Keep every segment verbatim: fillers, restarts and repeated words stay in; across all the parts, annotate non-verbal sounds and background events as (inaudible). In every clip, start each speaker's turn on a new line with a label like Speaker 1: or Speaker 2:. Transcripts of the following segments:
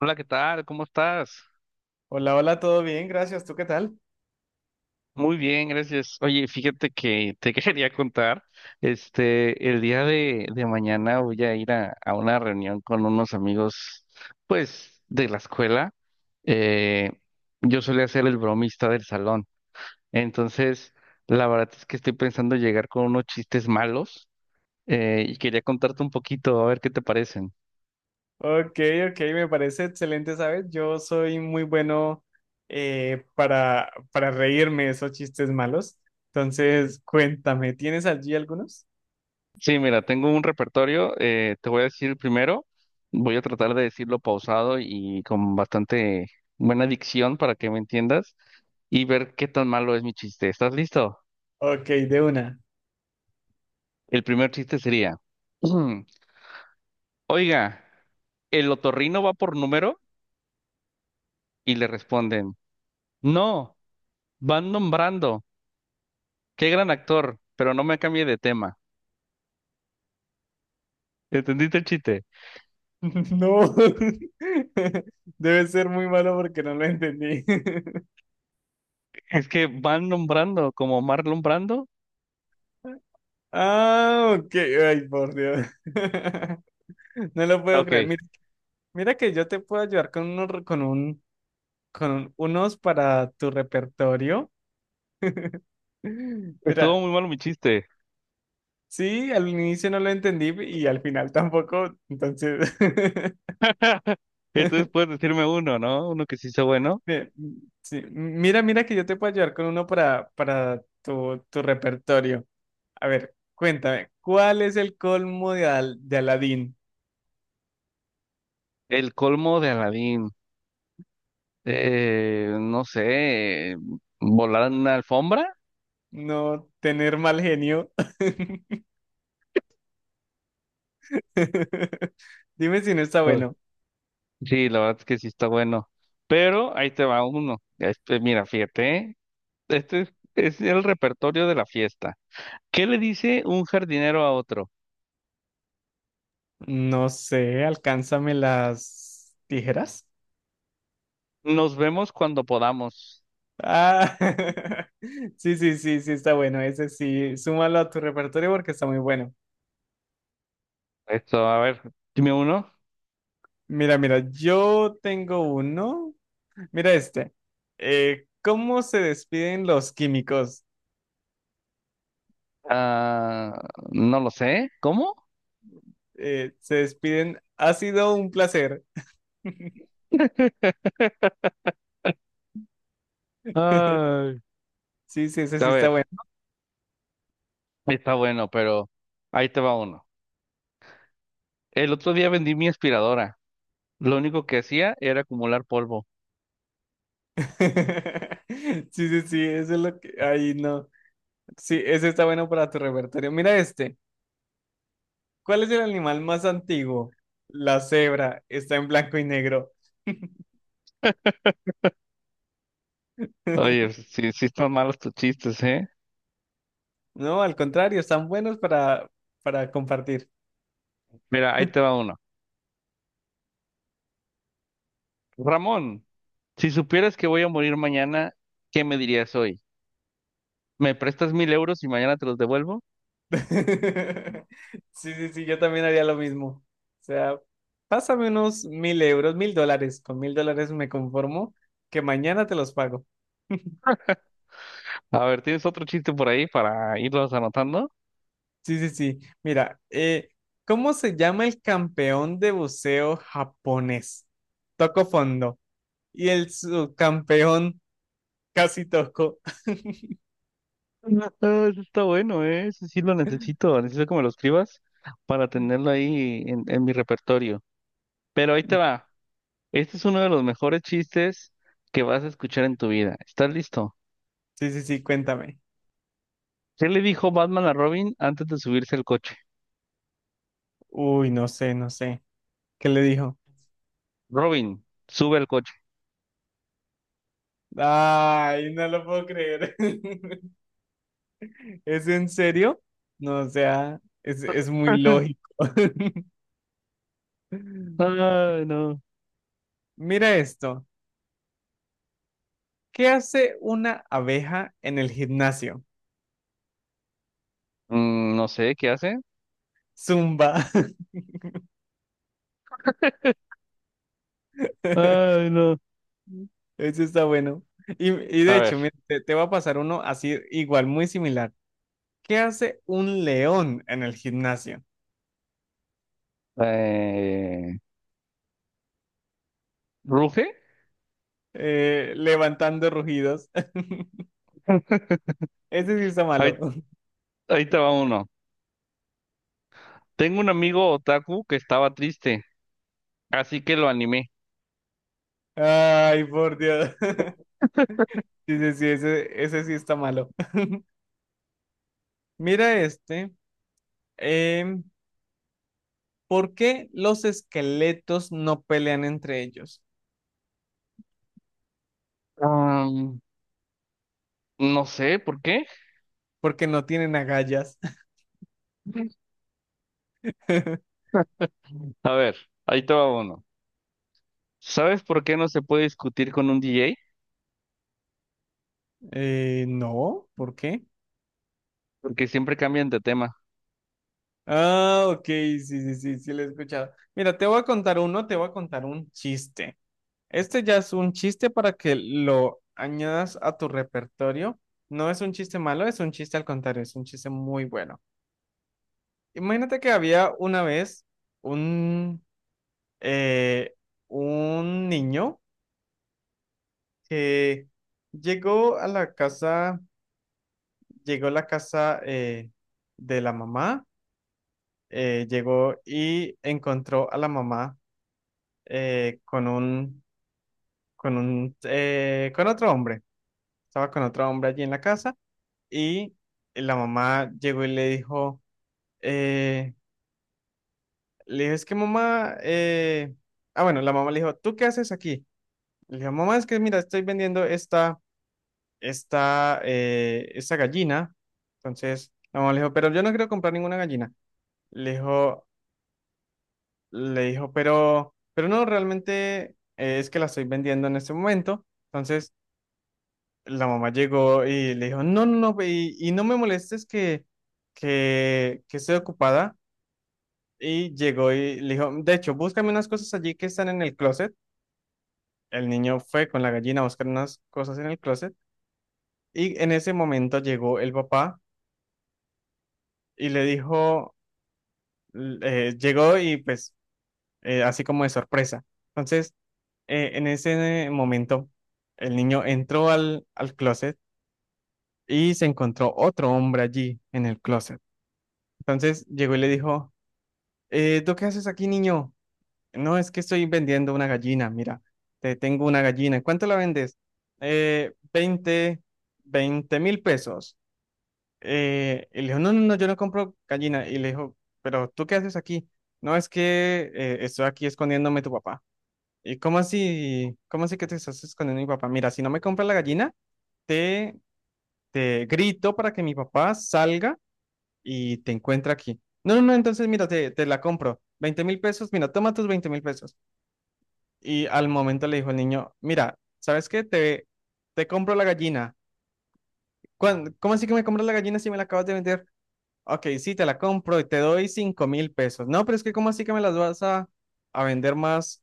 Speaker 1: Hola, ¿qué tal? ¿Cómo estás?
Speaker 2: Hola, hola, todo bien, gracias. ¿Tú qué tal?
Speaker 1: Muy bien, gracias. Oye, fíjate que te (laughs) quería contar, este, el día de, de mañana voy a ir a, a una reunión con unos amigos, pues, de la escuela. Eh, yo solía ser el bromista del salón, entonces, la verdad es que estoy pensando llegar con unos chistes malos, eh, y quería contarte un poquito, a ver qué te parecen.
Speaker 2: Ok, ok, me parece excelente, ¿sabes? Yo soy muy bueno, eh, para, para reírme de esos chistes malos. Entonces, cuéntame, ¿tienes allí algunos?
Speaker 1: Sí, mira, tengo un repertorio. Eh, te voy a decir el primero, voy a tratar de decirlo pausado y con bastante buena dicción para que me entiendas y ver qué tan malo es mi chiste. ¿Estás listo?
Speaker 2: Ok, de una.
Speaker 1: El primer chiste sería, (clears throat) oiga, ¿el otorrino va por número? Y le responden, no, van nombrando. Qué gran actor, pero no me cambie de tema. ¿Entendiste el chiste?
Speaker 2: (laughs) No, (laughs) debe ser muy malo porque no lo entendí. (laughs)
Speaker 1: Es que van nombrando, como Marlon Brando.
Speaker 2: Ah, ok, ay, por Dios. (laughs) No lo puedo
Speaker 1: Ok,
Speaker 2: creer. Mira, mira que yo te puedo ayudar con, unos- con, un, con unos para tu repertorio.
Speaker 1: estuvo
Speaker 2: Mira,
Speaker 1: muy malo mi chiste.
Speaker 2: sí, al inicio no lo entendí y al final tampoco, entonces,
Speaker 1: (laughs) Entonces
Speaker 2: (laughs)
Speaker 1: puedes decirme uno, ¿no? Uno que sí sea bueno.
Speaker 2: bien, sí, mira, mira que yo te puedo ayudar con uno para, para tu, tu repertorio. A ver, cuéntame, ¿cuál es el colmo de, Al- de Aladín?
Speaker 1: El colmo de Aladín. Eh, no sé, volar en una alfombra.
Speaker 2: No tener mal genio. (laughs) Dime si no está
Speaker 1: Uh,
Speaker 2: bueno.
Speaker 1: Sí, la verdad es que sí está bueno. Pero ahí te va uno. Este, mira, fíjate, ¿eh? Este es, es el repertorio de la fiesta. ¿Qué le dice un jardinero a otro?
Speaker 2: No sé, alcánzame las tijeras.
Speaker 1: Nos vemos cuando podamos.
Speaker 2: Ah, (laughs) sí, sí, sí, sí, está bueno. Ese sí, súmalo a tu repertorio porque está muy bueno.
Speaker 1: Esto, a ver, dime uno.
Speaker 2: Mira, mira, yo tengo uno. Mira este. Eh, ¿cómo se despiden los químicos?
Speaker 1: Ah, no lo sé. ¿Cómo?
Speaker 2: Eh, se despiden. Ha sido un placer. (laughs)
Speaker 1: Ay.
Speaker 2: Sí, sí, ese sí
Speaker 1: A
Speaker 2: está
Speaker 1: ver.
Speaker 2: bueno.
Speaker 1: Está bueno, pero ahí te va uno. El otro día vendí mi aspiradora. Lo único que hacía era acumular polvo.
Speaker 2: (laughs) Sí, sí, sí, eso es lo que... Ay, no. Sí, ese está bueno para tu repertorio. Mira este. ¿Cuál es el animal más antiguo? La cebra. Está en blanco y negro. (laughs)
Speaker 1: Oye, sí, sí están malos tus chistes, ¿eh?
Speaker 2: No, al contrario, están buenos para, para compartir.
Speaker 1: Mira, ahí te va uno. Ramón, si supieras que voy a morir mañana, ¿qué me dirías hoy? ¿Me prestas mil euros y mañana te los devuelvo?
Speaker 2: (laughs) Sí, sí, sí, yo también haría lo mismo. O sea, pásame unos mil euros, mil dólares. Con mil dólares me conformo que mañana te los pago.
Speaker 1: A ver, ¿tienes otro chiste por ahí para irlos anotando?
Speaker 2: Sí, sí, sí. Mira, eh, ¿cómo se llama el campeón de buceo japonés? Toco fondo. Y el subcampeón casi toco.
Speaker 1: Ah, ese está bueno, ¿eh? Ese sí lo necesito. Necesito que me lo escribas para tenerlo ahí en, en mi repertorio. Pero ahí te va. Este es uno de los mejores chistes que vas a escuchar en tu vida. ¿Estás listo?
Speaker 2: Sí, sí, sí, cuéntame.
Speaker 1: ¿Qué le dijo Batman a Robin antes de subirse al coche?
Speaker 2: Uy, no sé, no sé. ¿Qué le dijo?
Speaker 1: Robin, sube al coche.
Speaker 2: Ay, no lo puedo creer. (laughs) ¿Es en serio? No, o sea, es, es muy
Speaker 1: (laughs)
Speaker 2: lógico. (laughs)
Speaker 1: Ay, no.
Speaker 2: Mira esto. ¿Qué hace una abeja en el gimnasio?
Speaker 1: Mm, no sé, ¿qué hace?
Speaker 2: Zumba. (laughs)
Speaker 1: Ay, no.
Speaker 2: Eso está bueno. Y, y de
Speaker 1: A ver.
Speaker 2: hecho, mira, te, te va a pasar uno así igual, muy similar. ¿Qué hace un león en el gimnasio?
Speaker 1: eh, ¿Ruge?
Speaker 2: Eh, levantando rugidos. (laughs)
Speaker 1: (laughs)
Speaker 2: Ese sí está malo.
Speaker 1: Ahí,
Speaker 2: (laughs)
Speaker 1: ahí te va uno. Tengo un amigo otaku que estaba triste, así que lo animé.
Speaker 2: Ay, por Dios. (laughs) Sí, sí, sí, ese, ese sí está malo. (laughs) Mira este. em, ¿Por qué los esqueletos no pelean entre ellos?
Speaker 1: Am, no sé, ¿por qué?
Speaker 2: Porque no tienen agallas.
Speaker 1: (laughs)
Speaker 2: (laughs)
Speaker 1: A ver, ahí te va uno. ¿Sabes por qué no se puede discutir con un D J?
Speaker 2: Eh, no, ¿por qué?
Speaker 1: Porque siempre cambian de tema.
Speaker 2: Ah, ok, sí, sí, sí, sí, lo he escuchado. Mira, te voy a contar uno, te voy a contar un chiste. Este ya es un chiste para que lo añadas a tu repertorio. No es un chiste malo, es un chiste al contrario, es un chiste muy bueno. Imagínate que había una vez un eh, un niño que llegó a la casa, llegó a la casa, eh, de la mamá, eh, llegó y encontró a la mamá, eh, con un, con un, eh, con otro hombre. Estaba con otro hombre allí en la casa y la mamá llegó y le dijo, eh, le dijo, es que mamá, eh, ah, bueno, la mamá le dijo, ¿tú qué haces aquí? Le dijo, mamá, es que mira, estoy vendiendo esta esta, eh, esta gallina. Entonces, la mamá le dijo, pero yo no quiero comprar ninguna gallina. Le dijo, le dijo, pero, pero no, realmente, eh, es que la estoy vendiendo en este momento. Entonces, la mamá llegó y le dijo, no, no, no, ve, y, y no me molestes que, que, que estoy ocupada. Y llegó y le dijo, de hecho, búscame unas cosas allí que están en el closet. El niño fue con la gallina a buscar unas cosas en el closet. Y en ese momento llegó el papá y le dijo, eh, llegó y pues eh, así como de sorpresa. Entonces, eh, en ese momento, el niño entró al, al closet y se encontró otro hombre allí en el closet. Entonces llegó y le dijo, eh, ¿tú qué haces aquí, niño? No, es que estoy vendiendo una gallina, mira, te tengo una gallina. ¿Cuánto la vendes? Eh, veinte 20 mil pesos. Eh, y le dijo, no, no, no, yo no compro gallina. Y le dijo, pero ¿tú qué haces aquí? No, es que, eh, estoy aquí escondiéndome tu papá. ¿Y cómo así? ¿Cómo así que te estás escondiendo mi papá? Mira, si no me compras la gallina, te, te grito para que mi papá salga y te encuentre aquí. No, no, no, entonces mira, te, te la compro. Veinte mil pesos, mira, toma tus veinte mil pesos. Y al momento le dijo el niño, mira, ¿sabes qué? Te, te compro la gallina. ¿Cuán- ¿Cómo así que me compras la gallina si me la acabas de vender? Ok, sí, te la compro y te doy cinco mil pesos. No, pero es que ¿cómo así que me las vas a, a vender más,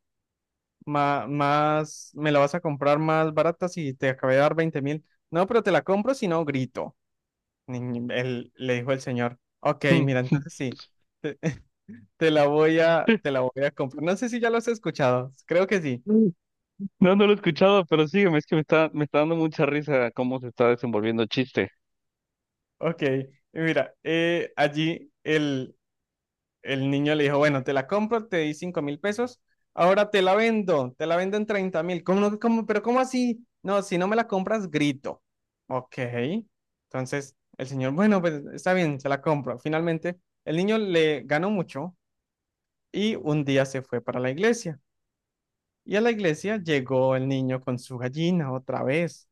Speaker 2: más, más, me la vas a comprar más barata si te acabé de dar veinte mil? No, pero te la compro si no grito, Ni- ni- el- le dijo el señor. Ok, mira, entonces
Speaker 1: (laughs)
Speaker 2: sí, te la voy a, te la voy a comprar. No sé si ya lo has escuchado, creo que sí.
Speaker 1: No, no lo he escuchado, pero sígueme, es que me está, me está dando mucha risa cómo se está desenvolviendo el chiste.
Speaker 2: Ok, mira, eh, allí el, el niño le dijo, bueno, te la compro, te di cinco mil pesos, ahora te la vendo, te la vendo en treinta mil. ¿Cómo, no- cómo- pero cómo así? No, si no me la compras, grito. Ok. Entonces el señor, bueno, pues está bien, se la compro. Finalmente, el niño le ganó mucho y un día se fue para la iglesia. Y a la iglesia llegó el niño con su gallina otra vez.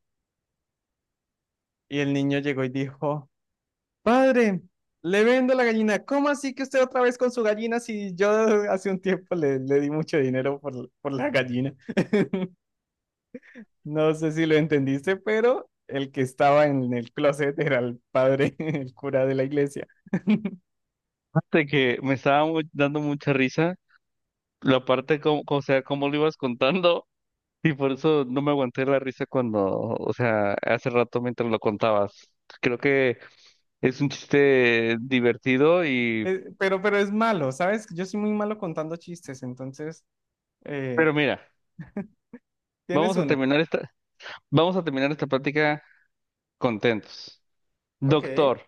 Speaker 2: Y el niño llegó y dijo, Padre, le vendo la gallina. ¿Cómo así que usted otra vez con su gallina si yo hace un tiempo le, le di mucho dinero por, por la gallina? No sé si lo entendiste, pero el que estaba en el closet era el padre, (laughs) el cura de la iglesia.
Speaker 1: Aparte que me estaba mu- dando mucha risa la parte, como, o sea, cómo lo ibas contando, y por eso no me aguanté la risa cuando, o sea, hace rato mientras lo contabas. Creo que es un chiste divertido y...
Speaker 2: Eh, pero, pero es malo, ¿sabes? Yo soy muy malo contando chistes, entonces, eh,
Speaker 1: Pero mira,
Speaker 2: tienes
Speaker 1: vamos a
Speaker 2: uno.
Speaker 1: terminar esta, vamos a terminar esta plática contentos.
Speaker 2: Ok,
Speaker 1: Doctor.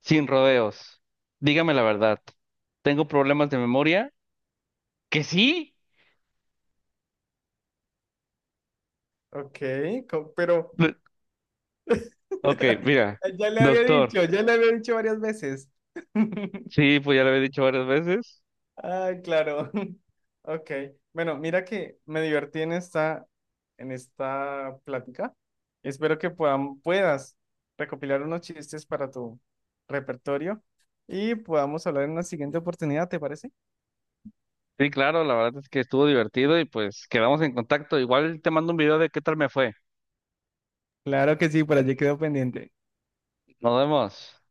Speaker 1: Sin rodeos. Dígame la verdad. ¿Tengo problemas de memoria? ¿Que sí?
Speaker 2: ok, co- pero
Speaker 1: Lo- Ok, mira.
Speaker 2: (laughs) ya le había
Speaker 1: Doctor.
Speaker 2: dicho, ya le había dicho varias veces. (laughs)
Speaker 1: Sí, pues ya lo había dicho varias veces.
Speaker 2: Ah, claro. (laughs) Ok. Bueno, mira que me divertí en esta, en esta plática. Espero que puedan, puedas recopilar unos chistes para tu repertorio y podamos hablar en una siguiente oportunidad, ¿te parece?
Speaker 1: Sí, claro, la verdad es que estuvo divertido y pues quedamos en contacto. Igual te mando un video de qué tal me fue.
Speaker 2: Claro que sí, por allí quedó pendiente.
Speaker 1: Nos vemos.